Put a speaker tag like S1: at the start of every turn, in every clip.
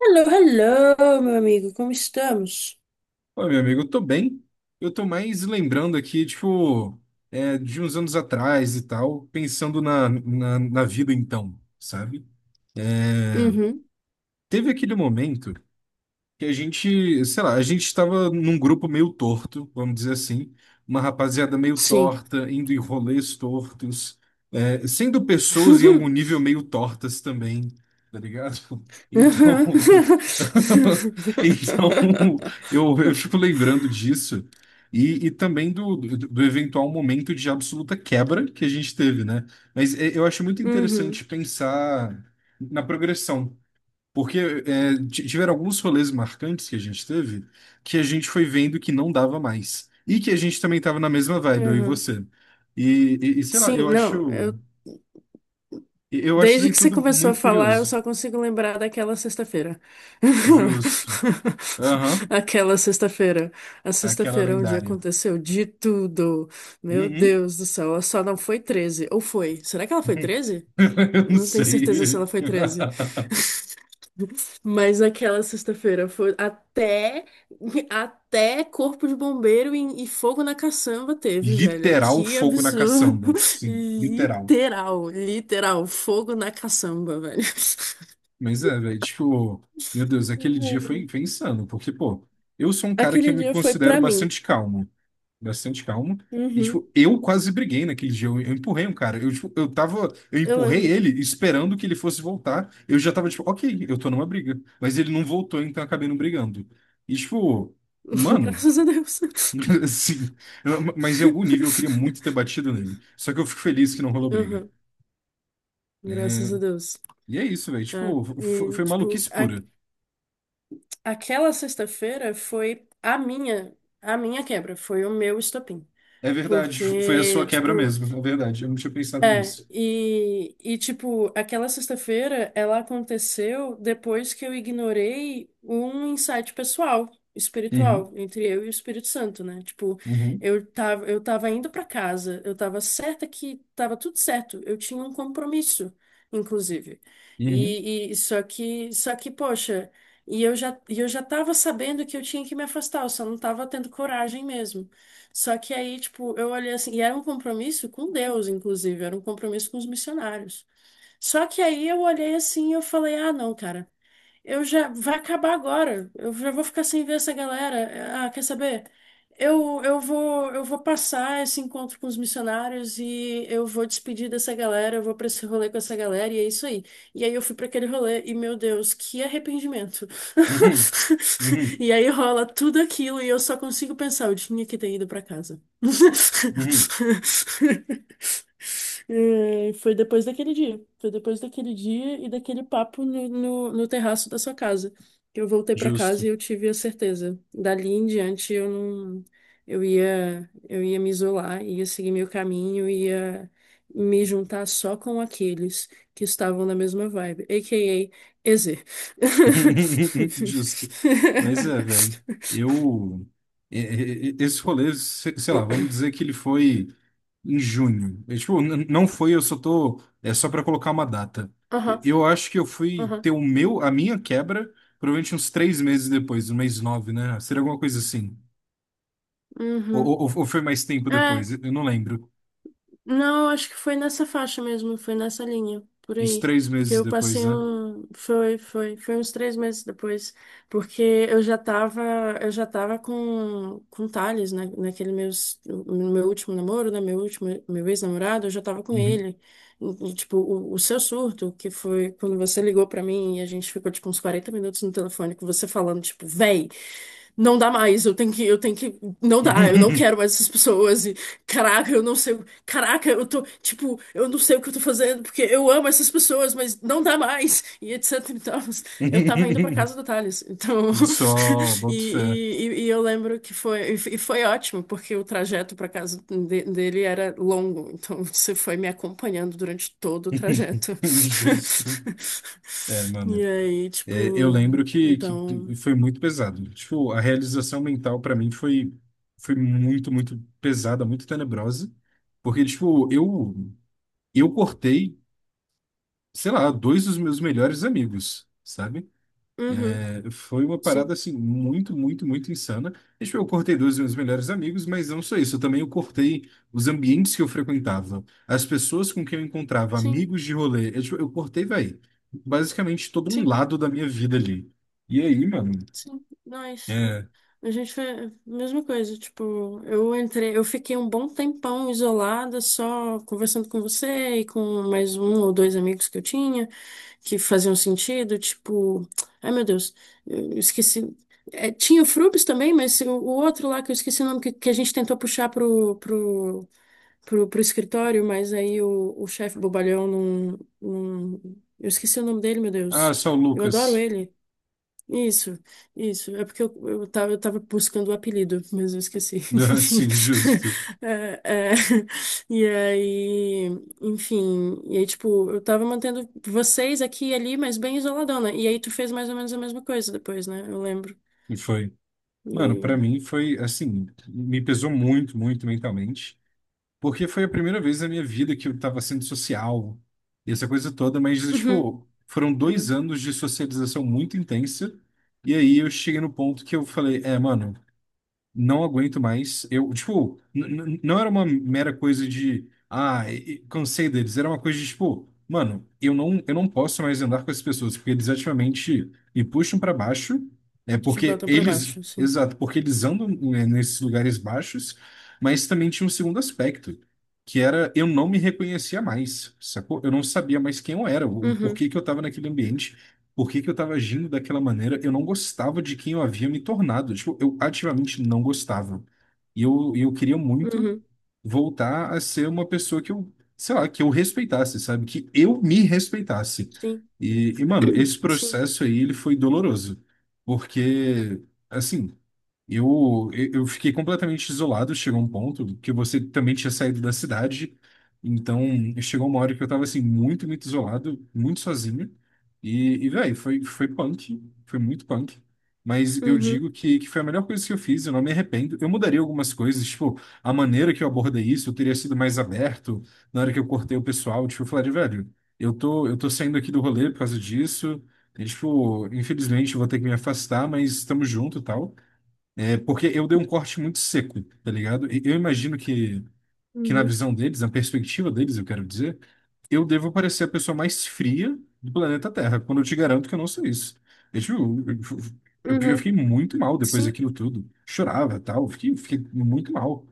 S1: Hello, hello, meu amigo, como estamos?
S2: Oi, meu amigo, eu tô bem. Eu tô mais lembrando aqui, tipo, de uns anos atrás e tal, pensando na vida então, sabe? É,
S1: Uhum,
S2: teve aquele momento que a gente, sei lá, a gente estava num grupo meio torto, vamos dizer assim, uma rapaziada meio
S1: sim.
S2: torta, indo em rolês tortos, sendo pessoas em algum nível meio tortas também, tá ligado? Então, então eu fico lembrando disso. E também do eventual momento de absoluta quebra que a gente teve, né? Mas é, eu acho muito interessante
S1: Uhum,
S2: pensar na progressão. Porque tiveram alguns rolês marcantes que a gente teve que a gente foi vendo que não dava mais. E que a gente também estava na mesma vibe, eu e
S1: uhum.
S2: você. E, sei lá,
S1: Sim,
S2: eu
S1: não,
S2: acho. Eu acho isso
S1: desde
S2: aí
S1: que você
S2: tudo
S1: começou a
S2: muito
S1: falar, eu
S2: curioso.
S1: só consigo lembrar daquela sexta-feira.
S2: Justo. Aham.
S1: Aquela sexta-feira. A
S2: Aquela
S1: sexta-feira onde
S2: lendária.
S1: aconteceu de tudo. Meu
S2: Uhum.
S1: Deus do céu, ela só não foi 13? Ou foi? Será que ela foi 13?
S2: Eu
S1: Eu
S2: não
S1: não tenho certeza se
S2: sei.
S1: ela foi 13. Mas aquela sexta-feira foi até corpo de bombeiro e fogo na caçamba teve, velho.
S2: Literal
S1: Que
S2: fogo na
S1: absurdo.
S2: caçamba. Sim, literal.
S1: Literal, literal, fogo na caçamba, velho.
S2: Mas é, velho, tipo, meu Deus, aquele dia foi, foi insano, porque, pô, eu sou um cara que
S1: Aquele
S2: eu me
S1: dia foi
S2: considero
S1: pra mim.
S2: bastante calmo, e,
S1: Uhum,
S2: tipo, eu quase briguei naquele dia, eu empurrei um cara, eu, tipo, eu tava, eu
S1: eu
S2: empurrei
S1: lembro.
S2: ele esperando que ele fosse voltar, eu já tava, tipo, ok, eu tô numa briga, mas ele não voltou, então eu acabei não brigando. E, tipo, mano,
S1: Graças a Deus.
S2: assim, mas em algum nível eu queria muito ter batido nele, só que eu fico feliz que não rolou briga.
S1: Uhum, graças
S2: É,
S1: a Deus.
S2: e é isso, velho,
S1: É,
S2: tipo,
S1: e,
S2: foi
S1: tipo,
S2: maluquice pura.
S1: aquela sexta-feira foi a minha quebra, foi o meu estopim.
S2: É verdade, foi a sua
S1: Porque,
S2: quebra
S1: tipo,
S2: mesmo, é verdade, eu não tinha pensado
S1: é,
S2: nisso.
S1: e tipo, aquela sexta-feira ela aconteceu depois que eu ignorei um insight pessoal,
S2: Uhum,
S1: espiritual, entre eu e o Espírito Santo, né? Tipo,
S2: uhum,
S1: eu tava indo pra casa, eu tava certa que tava tudo certo, eu tinha um compromisso, inclusive.
S2: uhum,
S1: E só que, poxa, e eu já tava sabendo que eu tinha que me afastar, eu só não tava tendo coragem mesmo. Só que aí, tipo, eu olhei assim, e era um compromisso com Deus, inclusive, era um compromisso com os missionários. Só que aí eu olhei assim e eu falei, ah, não, cara. Eu já vai acabar agora. Eu já vou ficar sem ver essa galera. Ah, quer saber? Eu vou passar esse encontro com os missionários e eu vou despedir dessa galera, eu vou pra esse rolê com essa galera e é isso aí. E aí eu fui pra aquele rolê e meu Deus, que arrependimento.
S2: uhum, uhum,
S1: E aí rola tudo aquilo e eu só consigo pensar, eu tinha que ter ido pra casa.
S2: uhum.
S1: É, foi depois daquele dia. Foi depois daquele dia e daquele papo no terraço da sua casa, que eu voltei para
S2: Justo,
S1: casa e eu tive a certeza. Dali em diante eu não. Eu ia me isolar, ia seguir meu caminho, ia me juntar só com aqueles que estavam na mesma vibe, a K a.k.a. EZ.
S2: justo. Mas é, velho, eu. Esse rolê, sei lá, vamos dizer que ele foi em junho. É, tipo, não foi, eu só tô. É só pra colocar uma data.
S1: Aham,
S2: Eu acho que eu fui ter
S1: aham,
S2: o meu, a minha quebra, provavelmente uns 3 meses depois, no mês nove, né? Seria alguma coisa assim. Ou,
S1: uhum.
S2: ou, ou foi mais tempo
S1: É,
S2: depois? Eu não lembro.
S1: não, acho que foi nessa faixa mesmo, foi nessa linha, por
S2: Uns
S1: aí.
S2: três
S1: Porque
S2: meses
S1: eu
S2: depois,
S1: passei
S2: né?
S1: um. Foi, foi, foi uns 3 meses depois. Porque eu já tava, eu já tava com Thales, né, naquele meus, no meu último namoro, né? Meu último, meu ex-namorado, eu já tava com
S2: Uhum.
S1: ele. E, tipo, o seu surto, que foi quando você ligou pra mim e a gente ficou, tipo, uns 40 minutos no telefone com você falando, tipo, véi. Não dá mais, eu tenho que, não dá, eu não quero mais essas pessoas, e caraca, eu não sei o Caraca, eu tô, tipo, eu não sei o que eu tô fazendo, porque eu amo essas pessoas, mas não dá mais, e etc e tal. Eu tava indo pra casa do Thales, então.
S2: Só,
S1: E,
S2: boto fé.
S1: e, e- e eu lembro que foi, e foi ótimo, porque o trajeto pra casa dele era longo, então você foi me acompanhando durante todo o trajeto.
S2: Justo. É, mano.
S1: E aí,
S2: É, eu
S1: tipo,
S2: lembro que,
S1: então.
S2: que foi muito pesado. Tipo, a realização mental pra mim foi, foi muito, muito pesada, muito tenebrosa. Porque, tipo, eu cortei, sei lá, dois dos meus melhores amigos, sabe?
S1: Uhum,
S2: É, foi uma parada
S1: sim,
S2: assim muito, muito, muito insana. E, tipo, eu cortei dois dos meus melhores amigos, mas não só isso, eu também eu cortei os ambientes que eu frequentava, as pessoas com quem eu encontrava,
S1: sim,
S2: amigos de rolê. Eu, tipo, eu cortei, velho, basicamente todo um
S1: sim.
S2: lado da minha vida ali. E aí, mano?
S1: Sim, nós, é.
S2: É,
S1: A gente foi a mesma coisa, tipo, eu entrei, eu fiquei um bom tempão isolada, só conversando com você e com mais um ou dois amigos que eu tinha, que faziam sentido, tipo, ai meu Deus, eu esqueci. É, tinha o Frubis também, mas o outro lá que, eu esqueci o nome, que a gente tentou puxar pro escritório, mas aí o chefe bobalhão não, eu esqueci o nome dele, meu
S2: ah,
S1: Deus,
S2: só o
S1: eu adoro
S2: Lucas.
S1: ele. Isso, isso. É porque eu tava buscando o apelido, mas eu esqueci.
S2: Assim, justo.
S1: É, é, e aí, enfim. E aí, tipo, eu tava mantendo vocês aqui e ali, mas bem isoladona. E aí, tu fez mais ou menos a mesma coisa depois, né? Eu lembro.
S2: E foi. Mano,
S1: E.
S2: pra mim foi assim, me pesou muito, muito mentalmente. Porque foi a primeira vez na minha vida que eu estava sendo social e essa coisa toda, mas,
S1: Uhum,
S2: tipo, foram
S1: eu
S2: dois
S1: lembro.
S2: anos de socialização muito intensa. E aí eu cheguei no ponto que eu falei, é, mano não aguento mais. Eu, tipo, não era uma mera coisa de, ah, e cansei deles. Era uma coisa de, tipo, mano, eu não posso mais andar com essas pessoas, porque eles ativamente me puxam para baixo. É
S1: Te
S2: porque
S1: botam pra
S2: eles,
S1: baixo, assim.
S2: exato, porque eles andam, né, nesses lugares baixos, mas também tinha um segundo aspecto, que era eu não me reconhecia mais, sacou? Eu não sabia mais quem eu era, o
S1: Uhum,
S2: porquê que eu estava naquele ambiente por que que eu estava agindo daquela maneira? Eu não gostava de quem eu havia me tornado. Tipo, eu ativamente não gostava. E eu queria muito
S1: uhum,
S2: voltar a ser uma pessoa que eu, sei lá, que eu respeitasse, sabe? Que eu me respeitasse.
S1: sim.
S2: E mano, esse
S1: Sim.
S2: processo aí, ele foi doloroso. Porque, assim, eu fiquei completamente isolado, chegou um ponto que você também tinha saído da cidade, então chegou uma hora que eu tava assim, muito, muito isolado, muito sozinho, e velho, foi, foi punk, foi muito punk, mas eu digo
S1: Uhum,
S2: que foi a melhor coisa que eu fiz, eu não me arrependo, eu mudaria algumas coisas, tipo, a maneira que eu abordei isso, eu teria sido mais aberto, na hora que eu cortei o pessoal, tipo, eu falaria, velho, eu tô saindo aqui do rolê por causa disso, e, tipo, infelizmente eu vou ter que me afastar, mas estamos junto e tal, é, porque eu dei um corte muito seco, tá ligado? E eu imagino que na
S1: uhum,
S2: visão deles, na perspectiva deles, eu quero dizer, eu devo parecer a pessoa mais fria do planeta Terra, quando eu te garanto que eu não sou isso. Eu, tipo, eu
S1: uhum.
S2: fiquei muito mal depois
S1: Sim.
S2: daquilo tudo. Chorava, tal, fiquei, fiquei muito mal.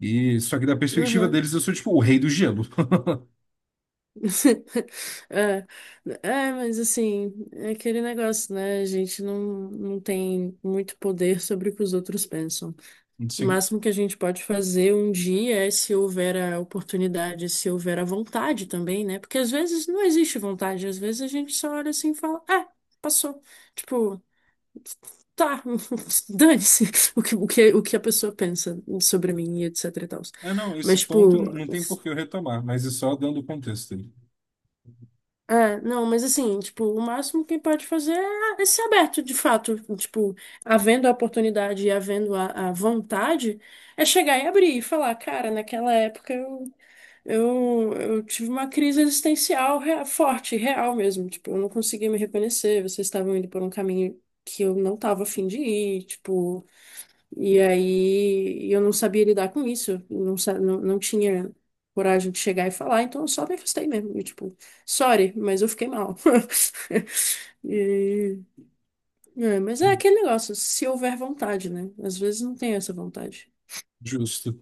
S2: E só que da perspectiva
S1: Uhum.
S2: deles, eu sou tipo o rei do gelo.
S1: É, é, mas assim, é aquele negócio, né? A gente não tem muito poder sobre o que os outros pensam. O
S2: Sim.
S1: máximo que a gente pode fazer um dia é se houver a oportunidade, se houver a vontade também, né? Porque às vezes não existe vontade, às vezes a gente só olha assim e fala, ah, passou. Tipo, tá, dane-se o que a pessoa pensa sobre mim e etc e tal.
S2: É, não, esse
S1: Mas,
S2: ponto
S1: tipo.
S2: não tem por que eu retomar, mas é só dando contexto.
S1: É, não, mas assim, tipo, o máximo que pode fazer é ser aberto, de fato. Tipo, havendo a oportunidade e havendo a vontade, é chegar e abrir e falar, cara, naquela época eu, eu tive uma crise existencial forte, real mesmo. Tipo, eu não conseguia me reconhecer, vocês estavam indo por um caminho que eu não tava afim de ir, tipo. E aí eu não sabia lidar com isso, não, não tinha coragem de chegar e falar, então eu só me afastei mesmo. E, tipo, sorry, mas eu fiquei mal. E- é, mas é aquele negócio, se houver vontade, né? Às vezes não tem essa vontade.
S2: Justo.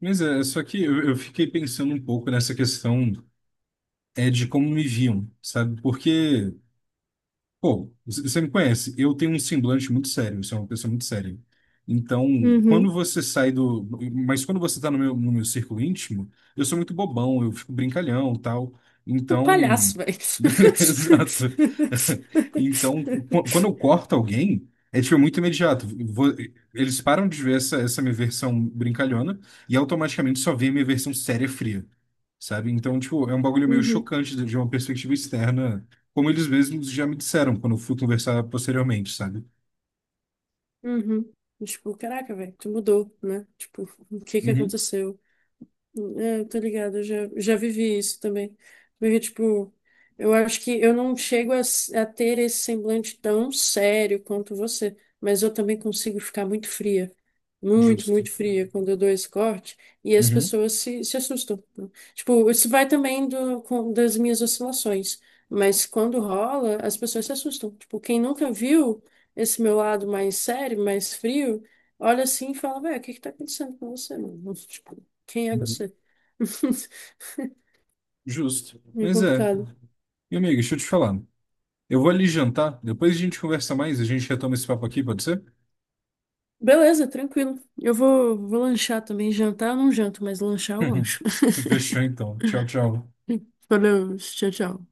S2: Mas é, só que eu fiquei pensando um pouco nessa questão é de como me viam, sabe? Porque Pô, você me conhece, eu tenho um semblante muito sério, eu sou uma pessoa muito séria. Então, quando
S1: Uhum.
S2: você sai do. Mas quando você tá no meu, no meu círculo íntimo, eu sou muito bobão, eu fico brincalhão tal.
S1: Um
S2: Então.
S1: palhaço, velho.
S2: Exato. Então, quando eu corto alguém, é tipo muito imediato. Eles param de ver essa, essa minha versão brincalhona e automaticamente só vê a minha versão séria fria, sabe? Então, tipo, é um bagulho meio
S1: Uhum,
S2: chocante de uma perspectiva externa como eles mesmos já me disseram quando eu fui conversar posteriormente, sabe?
S1: uhum. E, tipo, caraca, velho, tu mudou, né? Tipo, o que que
S2: Uhum,
S1: aconteceu? É, tô ligado, eu já vivi isso também. Porque, tipo, eu acho que eu não chego a, a ter esse semblante tão sério quanto você, mas eu também consigo ficar muito fria, muito,
S2: justo.
S1: muito fria quando eu dou esse corte, e as
S2: Uhum,
S1: pessoas se assustam, né? Tipo, isso vai também do, com, das minhas oscilações, mas quando rola, as pessoas se assustam. Tipo, quem nunca viu esse meu lado mais sério, mais frio, olha assim e fala, velho, o que que tá acontecendo com você, mano? Quem é
S2: uhum.
S1: você?
S2: Justo.
S1: Meio
S2: Mas é.
S1: complicado.
S2: Meu amigo, deixa eu te falar. Eu vou ali jantar, depois a gente conversa mais, a gente retoma esse papo aqui, pode ser?
S1: Beleza, tranquilo. Eu vou lanchar também. Jantar eu não janto, mas lanchar eu lancho.
S2: Fechou então. Tchau, tchau.
S1: Valeu, tchau, tchau.